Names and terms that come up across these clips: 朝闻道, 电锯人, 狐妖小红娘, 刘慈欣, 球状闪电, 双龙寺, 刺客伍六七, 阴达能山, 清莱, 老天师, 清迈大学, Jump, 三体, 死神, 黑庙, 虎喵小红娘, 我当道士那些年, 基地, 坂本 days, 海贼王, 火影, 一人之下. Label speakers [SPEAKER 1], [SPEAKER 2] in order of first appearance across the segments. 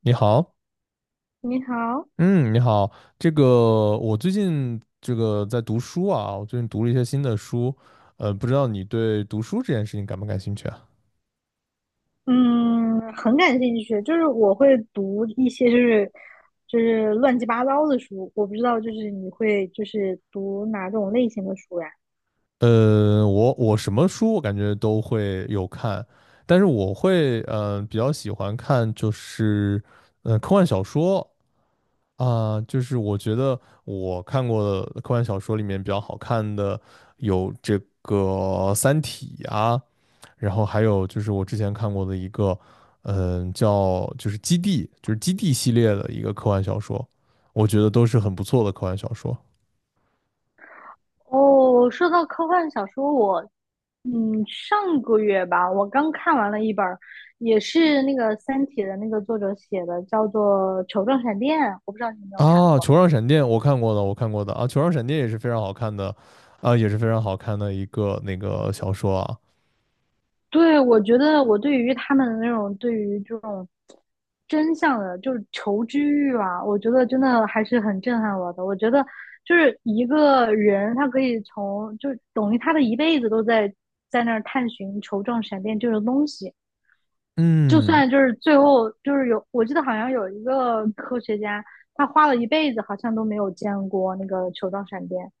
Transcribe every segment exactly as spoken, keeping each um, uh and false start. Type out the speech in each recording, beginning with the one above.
[SPEAKER 1] 你好。
[SPEAKER 2] 你好。
[SPEAKER 1] 嗯，你好。这个我最近这个在读书啊，我最近读了一些新的书。呃，不知道你对读书这件事情感不感兴趣啊？
[SPEAKER 2] 嗯，很感兴趣，就是我会读一些就是就是乱七八糟的书。我不知道就是你会就是读哪种类型的书呀？
[SPEAKER 1] 呃，我我什么书我感觉都会有看，但是我会呃比较喜欢看就是呃科幻小说啊，就是我觉得我看过的科幻小说里面比较好看的有这个《三体》啊。然后还有就是我之前看过的一个，嗯，叫就是《基地》，就是《基地》系列的一个科幻小说，我觉得都是很不错的科幻小说
[SPEAKER 2] 哦，说到科幻小说，我嗯上个月吧，我刚看完了一本儿，也是那个《三体》的那个作者写的，叫做《球状闪电》，我不知道你有没有看
[SPEAKER 1] 啊。
[SPEAKER 2] 过。
[SPEAKER 1] 《球状闪电》我看过的，我看过的啊，《球状闪电》也是非常好看的，啊，也是非常好看的一个那个小说啊。
[SPEAKER 2] 对，我觉得我对于他们的那种对于这种真相的，就是求知欲啊，我觉得真的还是很震撼我的。我觉得就是一个人，他可以从就等于他的一辈子都在在那儿探寻球状闪电这种东西，就
[SPEAKER 1] 嗯。
[SPEAKER 2] 算就是最后就是有，我记得好像有一个科学家，他花了一辈子好像都没有见过那个球状闪电。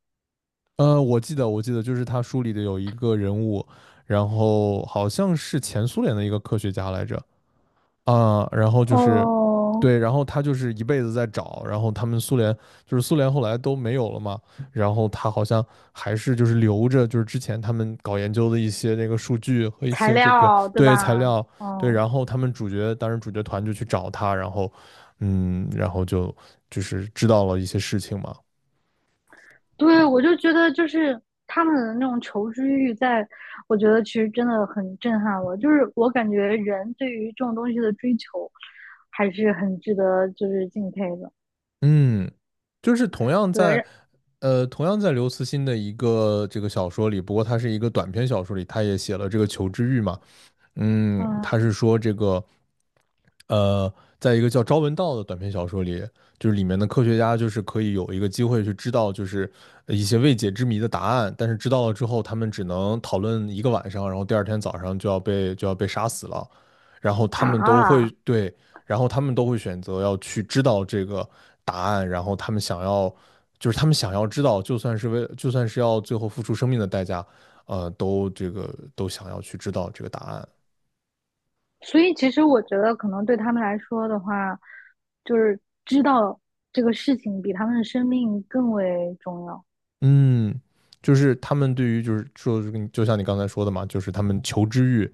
[SPEAKER 1] 呃，我记得我记得就是他书里的有一个人物，然后好像是前苏联的一个科学家来着。啊，然后就是，
[SPEAKER 2] 哦，
[SPEAKER 1] 对，然后他就是一辈子在找。然后他们苏联就是苏联后来都没有了嘛，然后他好像还是就是留着就是之前他们搞研究的一些那个数据和一
[SPEAKER 2] 材
[SPEAKER 1] 些这个
[SPEAKER 2] 料，对
[SPEAKER 1] 对材
[SPEAKER 2] 吧？
[SPEAKER 1] 料。对，
[SPEAKER 2] 嗯。
[SPEAKER 1] 然后他们主角当时主角团就去找他，然后嗯，然后就就是知道了一些事情嘛。
[SPEAKER 2] 对，我就觉得就是他们的那种求知欲在，我觉得其实真的很震撼我。就是我感觉人对于这种东西的追求，还是很值得就是敬佩的。
[SPEAKER 1] 嗯，就是同样
[SPEAKER 2] 对。
[SPEAKER 1] 在。
[SPEAKER 2] 让
[SPEAKER 1] 呃，同样在刘慈欣的一个这个小说里，不过他是一个短篇小说里，他也写了这个求知欲嘛。嗯，他
[SPEAKER 2] 嗯
[SPEAKER 1] 是说这个，呃，在一个叫《朝闻道》的短篇小说里，就是里面的科学家就是可以有一个机会去知道，就是呃一些未解之谜的答案，但是知道了之后，他们只能讨论一个晚上，然后第二天早上就要被就要被杀死了，然后他们都会
[SPEAKER 2] 啊，
[SPEAKER 1] 对，然后他们都会选择要去知道这个答案，然后他们想要，就是他们想要知道，就算是为，就算是要最后付出生命的代价，呃，都这个都想要去知道这个答案。
[SPEAKER 2] 所以其实我觉得可能对他们来说的话，就是知道这个事情比他们的生命更为重要。
[SPEAKER 1] 嗯，就是他们对于就是说，就像你刚才说的嘛，就是他们求知欲，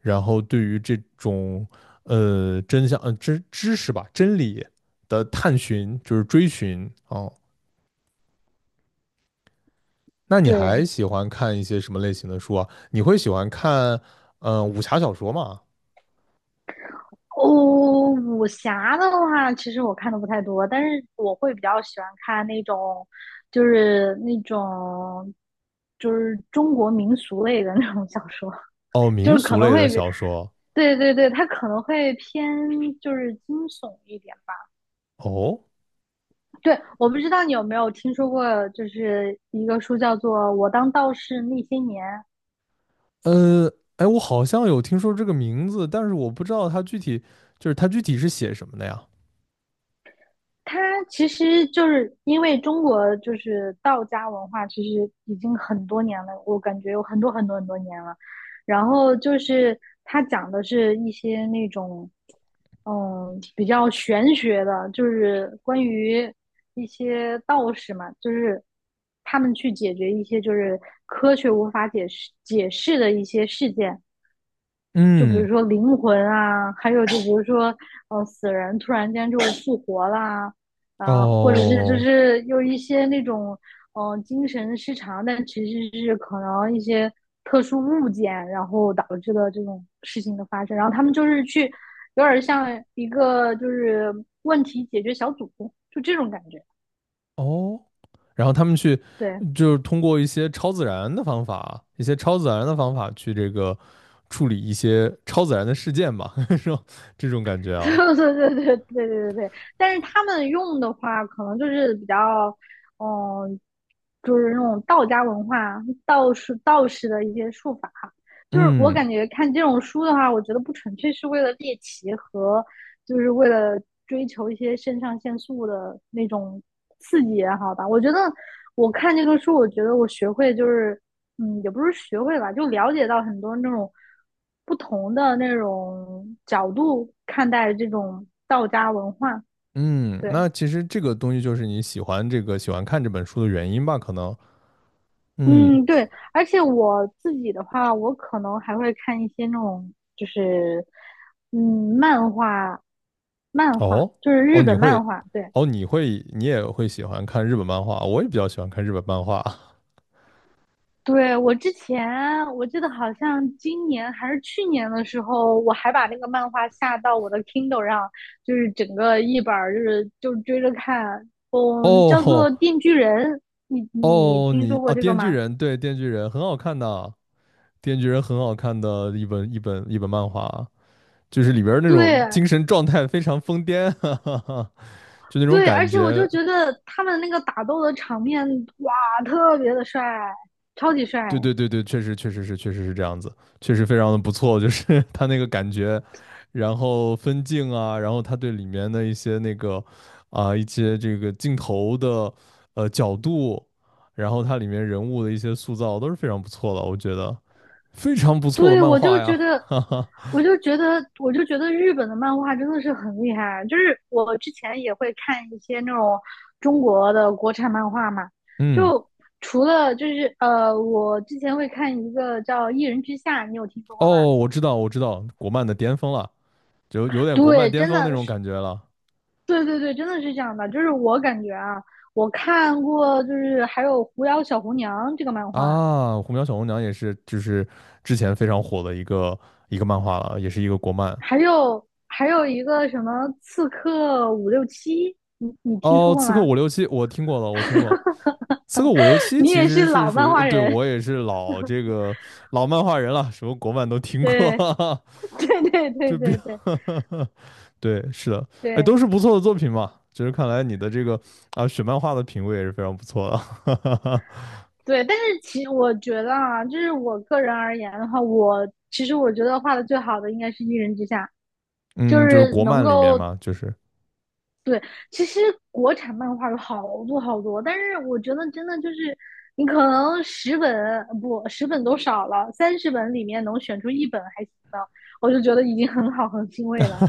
[SPEAKER 1] 然后对于这种呃真相呃知知识吧真理的探寻，就是追寻哦。那你还
[SPEAKER 2] 对。
[SPEAKER 1] 喜欢看一些什么类型的书啊？你会喜欢看呃武侠小说吗？
[SPEAKER 2] 哦，武侠的话，其实我看的不太多，但是我会比较喜欢看那种，就是那种，就是中国民俗类的 那种小说，
[SPEAKER 1] 哦，
[SPEAKER 2] 就
[SPEAKER 1] 民
[SPEAKER 2] 是可
[SPEAKER 1] 俗
[SPEAKER 2] 能
[SPEAKER 1] 类的
[SPEAKER 2] 会比，
[SPEAKER 1] 小说
[SPEAKER 2] 对对对，它可能会偏就是惊悚一点吧。
[SPEAKER 1] 哦。
[SPEAKER 2] 对，我不知道你有没有听说过，就是一个书叫做《我当道士那些年》。
[SPEAKER 1] 呃，哎，我好像有听说这个名字，但是我不知道它具体就是它具体是写什么的呀？
[SPEAKER 2] 它其实就是因为中国就是道家文化，其实已经很多年了，我感觉有很多很多很多年了。然后就是它讲的是一些那种，嗯，比较玄学的，就是关于一些道士嘛，就是他们去解决一些就是科学无法解释解释的一些事件。就比如
[SPEAKER 1] 嗯。
[SPEAKER 2] 说灵魂啊，还有就比如说，呃，死人突然间就复活啦，啊、呃或者是就
[SPEAKER 1] 哦。
[SPEAKER 2] 是有一些那种，嗯、呃精神失常，但其实是可能一些特殊物件，然后导致的这种事情的发生。然后他们就是去，有点像一个就是问题解决小组，就这种感觉。
[SPEAKER 1] 哦，然后他们去
[SPEAKER 2] 对，
[SPEAKER 1] 就是通过一些超自然的方法，一些超自然的方法去这个处理一些超自然的事件吧，是吧？这种感觉 啊。
[SPEAKER 2] 对对对对对对对。但是他们用的话，可能就是比较，嗯，就是那种道家文化、道士道士的一些术法。就是我
[SPEAKER 1] 嗯。
[SPEAKER 2] 感觉看这种书的话，我觉得不纯粹是为了猎奇和就是为了追求一些肾上腺素的那种刺激也好吧。我觉得我看这个书，我觉得我学会就是嗯，也不是学会吧，就了解到很多那种不同的那种角度看待这种道家文化。
[SPEAKER 1] 嗯，
[SPEAKER 2] 对。
[SPEAKER 1] 那其实这个东西就是你喜欢这个喜欢看这本书的原因吧，可能。嗯。
[SPEAKER 2] 嗯。对，而且我自己的话，我可能还会看一些那种就是嗯漫画，漫画
[SPEAKER 1] 哦
[SPEAKER 2] 就是
[SPEAKER 1] 哦，
[SPEAKER 2] 日
[SPEAKER 1] 你
[SPEAKER 2] 本
[SPEAKER 1] 会
[SPEAKER 2] 漫画，对。
[SPEAKER 1] 哦，你会你也会喜欢看日本漫画，我也比较喜欢看日本漫画。
[SPEAKER 2] 对，我之前我记得好像今年还是去年的时候，我还把那个漫画下到我的 Kindle 上，就是整个一本儿就是就追着看。嗯，叫
[SPEAKER 1] 哦
[SPEAKER 2] 做《电锯人》，你你
[SPEAKER 1] 哦，
[SPEAKER 2] 听
[SPEAKER 1] 你
[SPEAKER 2] 说过
[SPEAKER 1] 啊，
[SPEAKER 2] 这个
[SPEAKER 1] 电锯
[SPEAKER 2] 吗？
[SPEAKER 1] 人》对，《电锯人》很好看的，电锯人》很好看的一本一本一本漫画啊，就是里边儿那种
[SPEAKER 2] 对
[SPEAKER 1] 精神状态非常疯癫，哈哈，就那种
[SPEAKER 2] 对。而
[SPEAKER 1] 感
[SPEAKER 2] 且我就
[SPEAKER 1] 觉。
[SPEAKER 2] 觉得他们那个打斗的场面，哇，特别的帅，超级帅。
[SPEAKER 1] 对对对对，确实确实是确实是这样子，确实非常的不错。就是他那个感觉，然后分镜啊，然后他对里面的一些那个啊、一些这个镜头的呃角度，然后它里面人物的一些塑造都是非常不错的，我觉得非常不错的
[SPEAKER 2] 对，
[SPEAKER 1] 漫
[SPEAKER 2] 我就
[SPEAKER 1] 画呀。
[SPEAKER 2] 觉 得
[SPEAKER 1] 哈哈。
[SPEAKER 2] 我就觉得，我就觉得日本的漫画真的是很厉害啊。就是我之前也会看一些那种中国的国产漫画嘛，
[SPEAKER 1] 嗯。
[SPEAKER 2] 就除了就是呃，我之前会看一个叫《一人之下》，你有听说过吗？
[SPEAKER 1] 哦，我知道，我知道，国漫的巅峰了。就有点国漫
[SPEAKER 2] 对，
[SPEAKER 1] 巅
[SPEAKER 2] 真
[SPEAKER 1] 峰那
[SPEAKER 2] 的
[SPEAKER 1] 种
[SPEAKER 2] 是。
[SPEAKER 1] 感觉了。
[SPEAKER 2] 对对对，真的是这样的。就是我感觉啊，我看过，就是还有《狐妖小红娘》这个漫画，
[SPEAKER 1] 啊！《虎喵小红娘》也是，就是之前非常火的一个一个漫画了，也是一个国漫。
[SPEAKER 2] 还有还有一个什么《刺客伍六七》，你你听说
[SPEAKER 1] 哦，
[SPEAKER 2] 过
[SPEAKER 1] 《刺客
[SPEAKER 2] 吗？
[SPEAKER 1] 伍六七》我听过了，我听过。《刺客伍六 七》
[SPEAKER 2] 你
[SPEAKER 1] 其
[SPEAKER 2] 也
[SPEAKER 1] 实
[SPEAKER 2] 是
[SPEAKER 1] 是
[SPEAKER 2] 老
[SPEAKER 1] 属
[SPEAKER 2] 漫
[SPEAKER 1] 于，呃
[SPEAKER 2] 画
[SPEAKER 1] 对，
[SPEAKER 2] 人，
[SPEAKER 1] 我也是老这个老漫画人了，什么国漫都听过。
[SPEAKER 2] 对。对对 对
[SPEAKER 1] 就比
[SPEAKER 2] 对
[SPEAKER 1] 较
[SPEAKER 2] 对
[SPEAKER 1] 对，是的。哎，都
[SPEAKER 2] 对
[SPEAKER 1] 是不错的作品嘛。就是看来你的这个啊选漫画的品味也是非常不错的。
[SPEAKER 2] 对。但是其实我觉得啊，就是我个人而言的话，我其实我觉得画的最好的应该是《一人之下》，就
[SPEAKER 1] 嗯，就是
[SPEAKER 2] 是
[SPEAKER 1] 国
[SPEAKER 2] 能
[SPEAKER 1] 漫里面
[SPEAKER 2] 够
[SPEAKER 1] 嘛，就是
[SPEAKER 2] 对。其实国产漫画有好多好多，但是我觉得真的就是你可能十本不十本都少了，三十本里面能选出一本还行的，我就觉得已经很好很欣 慰
[SPEAKER 1] 哈
[SPEAKER 2] 了。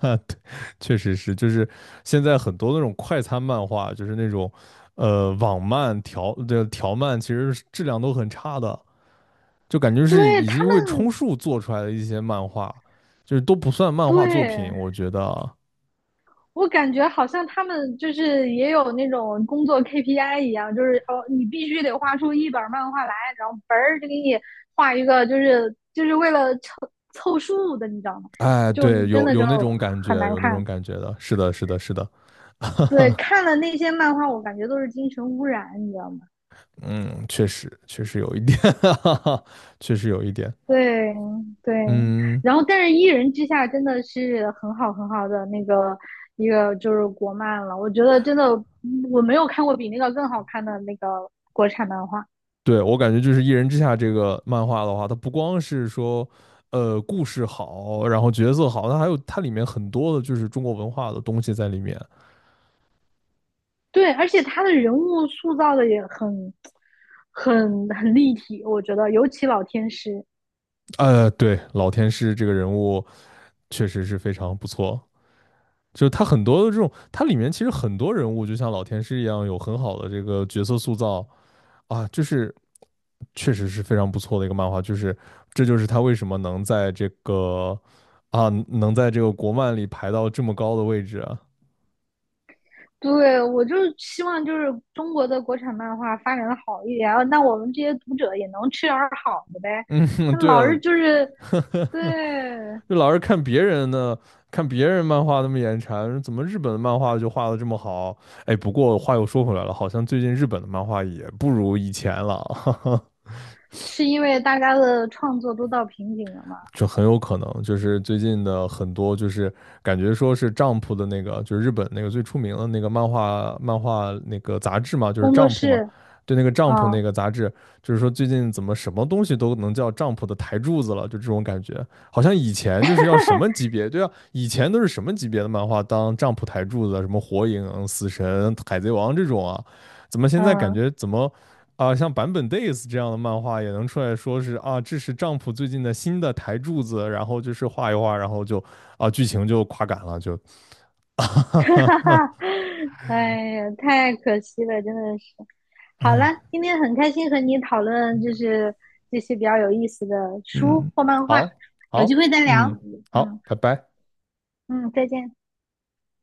[SPEAKER 1] 哈对，确实是，就是现在很多那种快餐漫画，就是那种，呃，网漫调的调漫，其实是质量都很差的，就感觉是
[SPEAKER 2] 对
[SPEAKER 1] 已
[SPEAKER 2] 他
[SPEAKER 1] 经为充
[SPEAKER 2] 们，
[SPEAKER 1] 数做出来的一些漫画，就是都不算漫画作品，
[SPEAKER 2] 对，
[SPEAKER 1] 我觉得。
[SPEAKER 2] 我感觉好像他们就是也有那种工作 K P I 一样，就是哦，你必须得画出一本漫画来，然后嘣儿就给你画一个，就是就是为了凑凑数的，你知道吗？
[SPEAKER 1] 哎，
[SPEAKER 2] 就
[SPEAKER 1] 对，
[SPEAKER 2] 真
[SPEAKER 1] 有
[SPEAKER 2] 的
[SPEAKER 1] 有
[SPEAKER 2] 就
[SPEAKER 1] 那种感觉，
[SPEAKER 2] 很难
[SPEAKER 1] 有那种
[SPEAKER 2] 看。
[SPEAKER 1] 感觉的，是的，是的，是的。
[SPEAKER 2] 对，看了那些漫画，我感觉都是精神污染，你知道吗？
[SPEAKER 1] 嗯，确实，确实有一点。确实有一点。
[SPEAKER 2] 对对。
[SPEAKER 1] 嗯。
[SPEAKER 2] 然后但是《一人之下》真的是很好很好的那个一个就是国漫了，我觉得真的嗯我没有看过比那个更好看的那个国产漫画。
[SPEAKER 1] 对，我感觉就是《一人之下》这个漫画的话，它不光是说，呃，故事好，然后角色好，它还有它里面很多的就是中国文化的东西在里面。
[SPEAKER 2] 对，而且他的人物塑造的也很、很、很立体，我觉得，尤其老天师。
[SPEAKER 1] 呃，对，老天师这个人物确实是非常不错，就是他很多的这种，它里面其实很多人物就像老天师一样，有很好的这个角色塑造啊，就是确实是非常不错的一个漫画，就是这就是他为什么能在这个啊能在这个国漫里排到这么高的位置啊。
[SPEAKER 2] 对，我就希望就是中国的国产漫画发展的好一点，啊那我们这些读者也能吃点儿好的呗。
[SPEAKER 1] 嗯。
[SPEAKER 2] 那
[SPEAKER 1] 对
[SPEAKER 2] 老
[SPEAKER 1] 啊。
[SPEAKER 2] 是就是对，
[SPEAKER 1] 就老是看别人的，看别人漫画那么眼馋，怎么日本的漫画就画的这么好？哎，不过话又说回来了，好像最近日本的漫画也不如以前了。
[SPEAKER 2] 是因为大家的创作都到瓶颈了嘛？
[SPEAKER 1] 就很有可能就是最近的很多就是感觉说是 Jump 的那个，就是日本那个最出名的那个漫画漫画那个杂志嘛，就是
[SPEAKER 2] 工作
[SPEAKER 1] Jump 嘛。
[SPEAKER 2] 室
[SPEAKER 1] 对那个 Jump
[SPEAKER 2] 啊，
[SPEAKER 1] 那个杂志，就是说最近怎么什么东西都能叫 Jump 的台柱子了，就这种感觉。好像以前就是要什么级别，对啊，以前都是什么级别的漫画当 Jump 台柱子啊，什么火影、死神、海贼王这种啊，怎么现在感
[SPEAKER 2] 嗯，
[SPEAKER 1] 觉怎么？啊，像坂本 days 这样的漫画也能出来说是啊，这是丈夫最近的新的台柱子，然后就是画一画，然后就啊，剧情就垮杆了，就，
[SPEAKER 2] 哈哈哈，哎呀，太可惜了，真的是。好了，
[SPEAKER 1] 哎。
[SPEAKER 2] 今天很开心和你讨论，就是这些比较有意思的 书
[SPEAKER 1] 嗯。
[SPEAKER 2] 或漫画，
[SPEAKER 1] 好，
[SPEAKER 2] 有机
[SPEAKER 1] 好，
[SPEAKER 2] 会再聊。
[SPEAKER 1] 嗯。好，
[SPEAKER 2] 嗯
[SPEAKER 1] 拜拜。
[SPEAKER 2] 嗯，再见。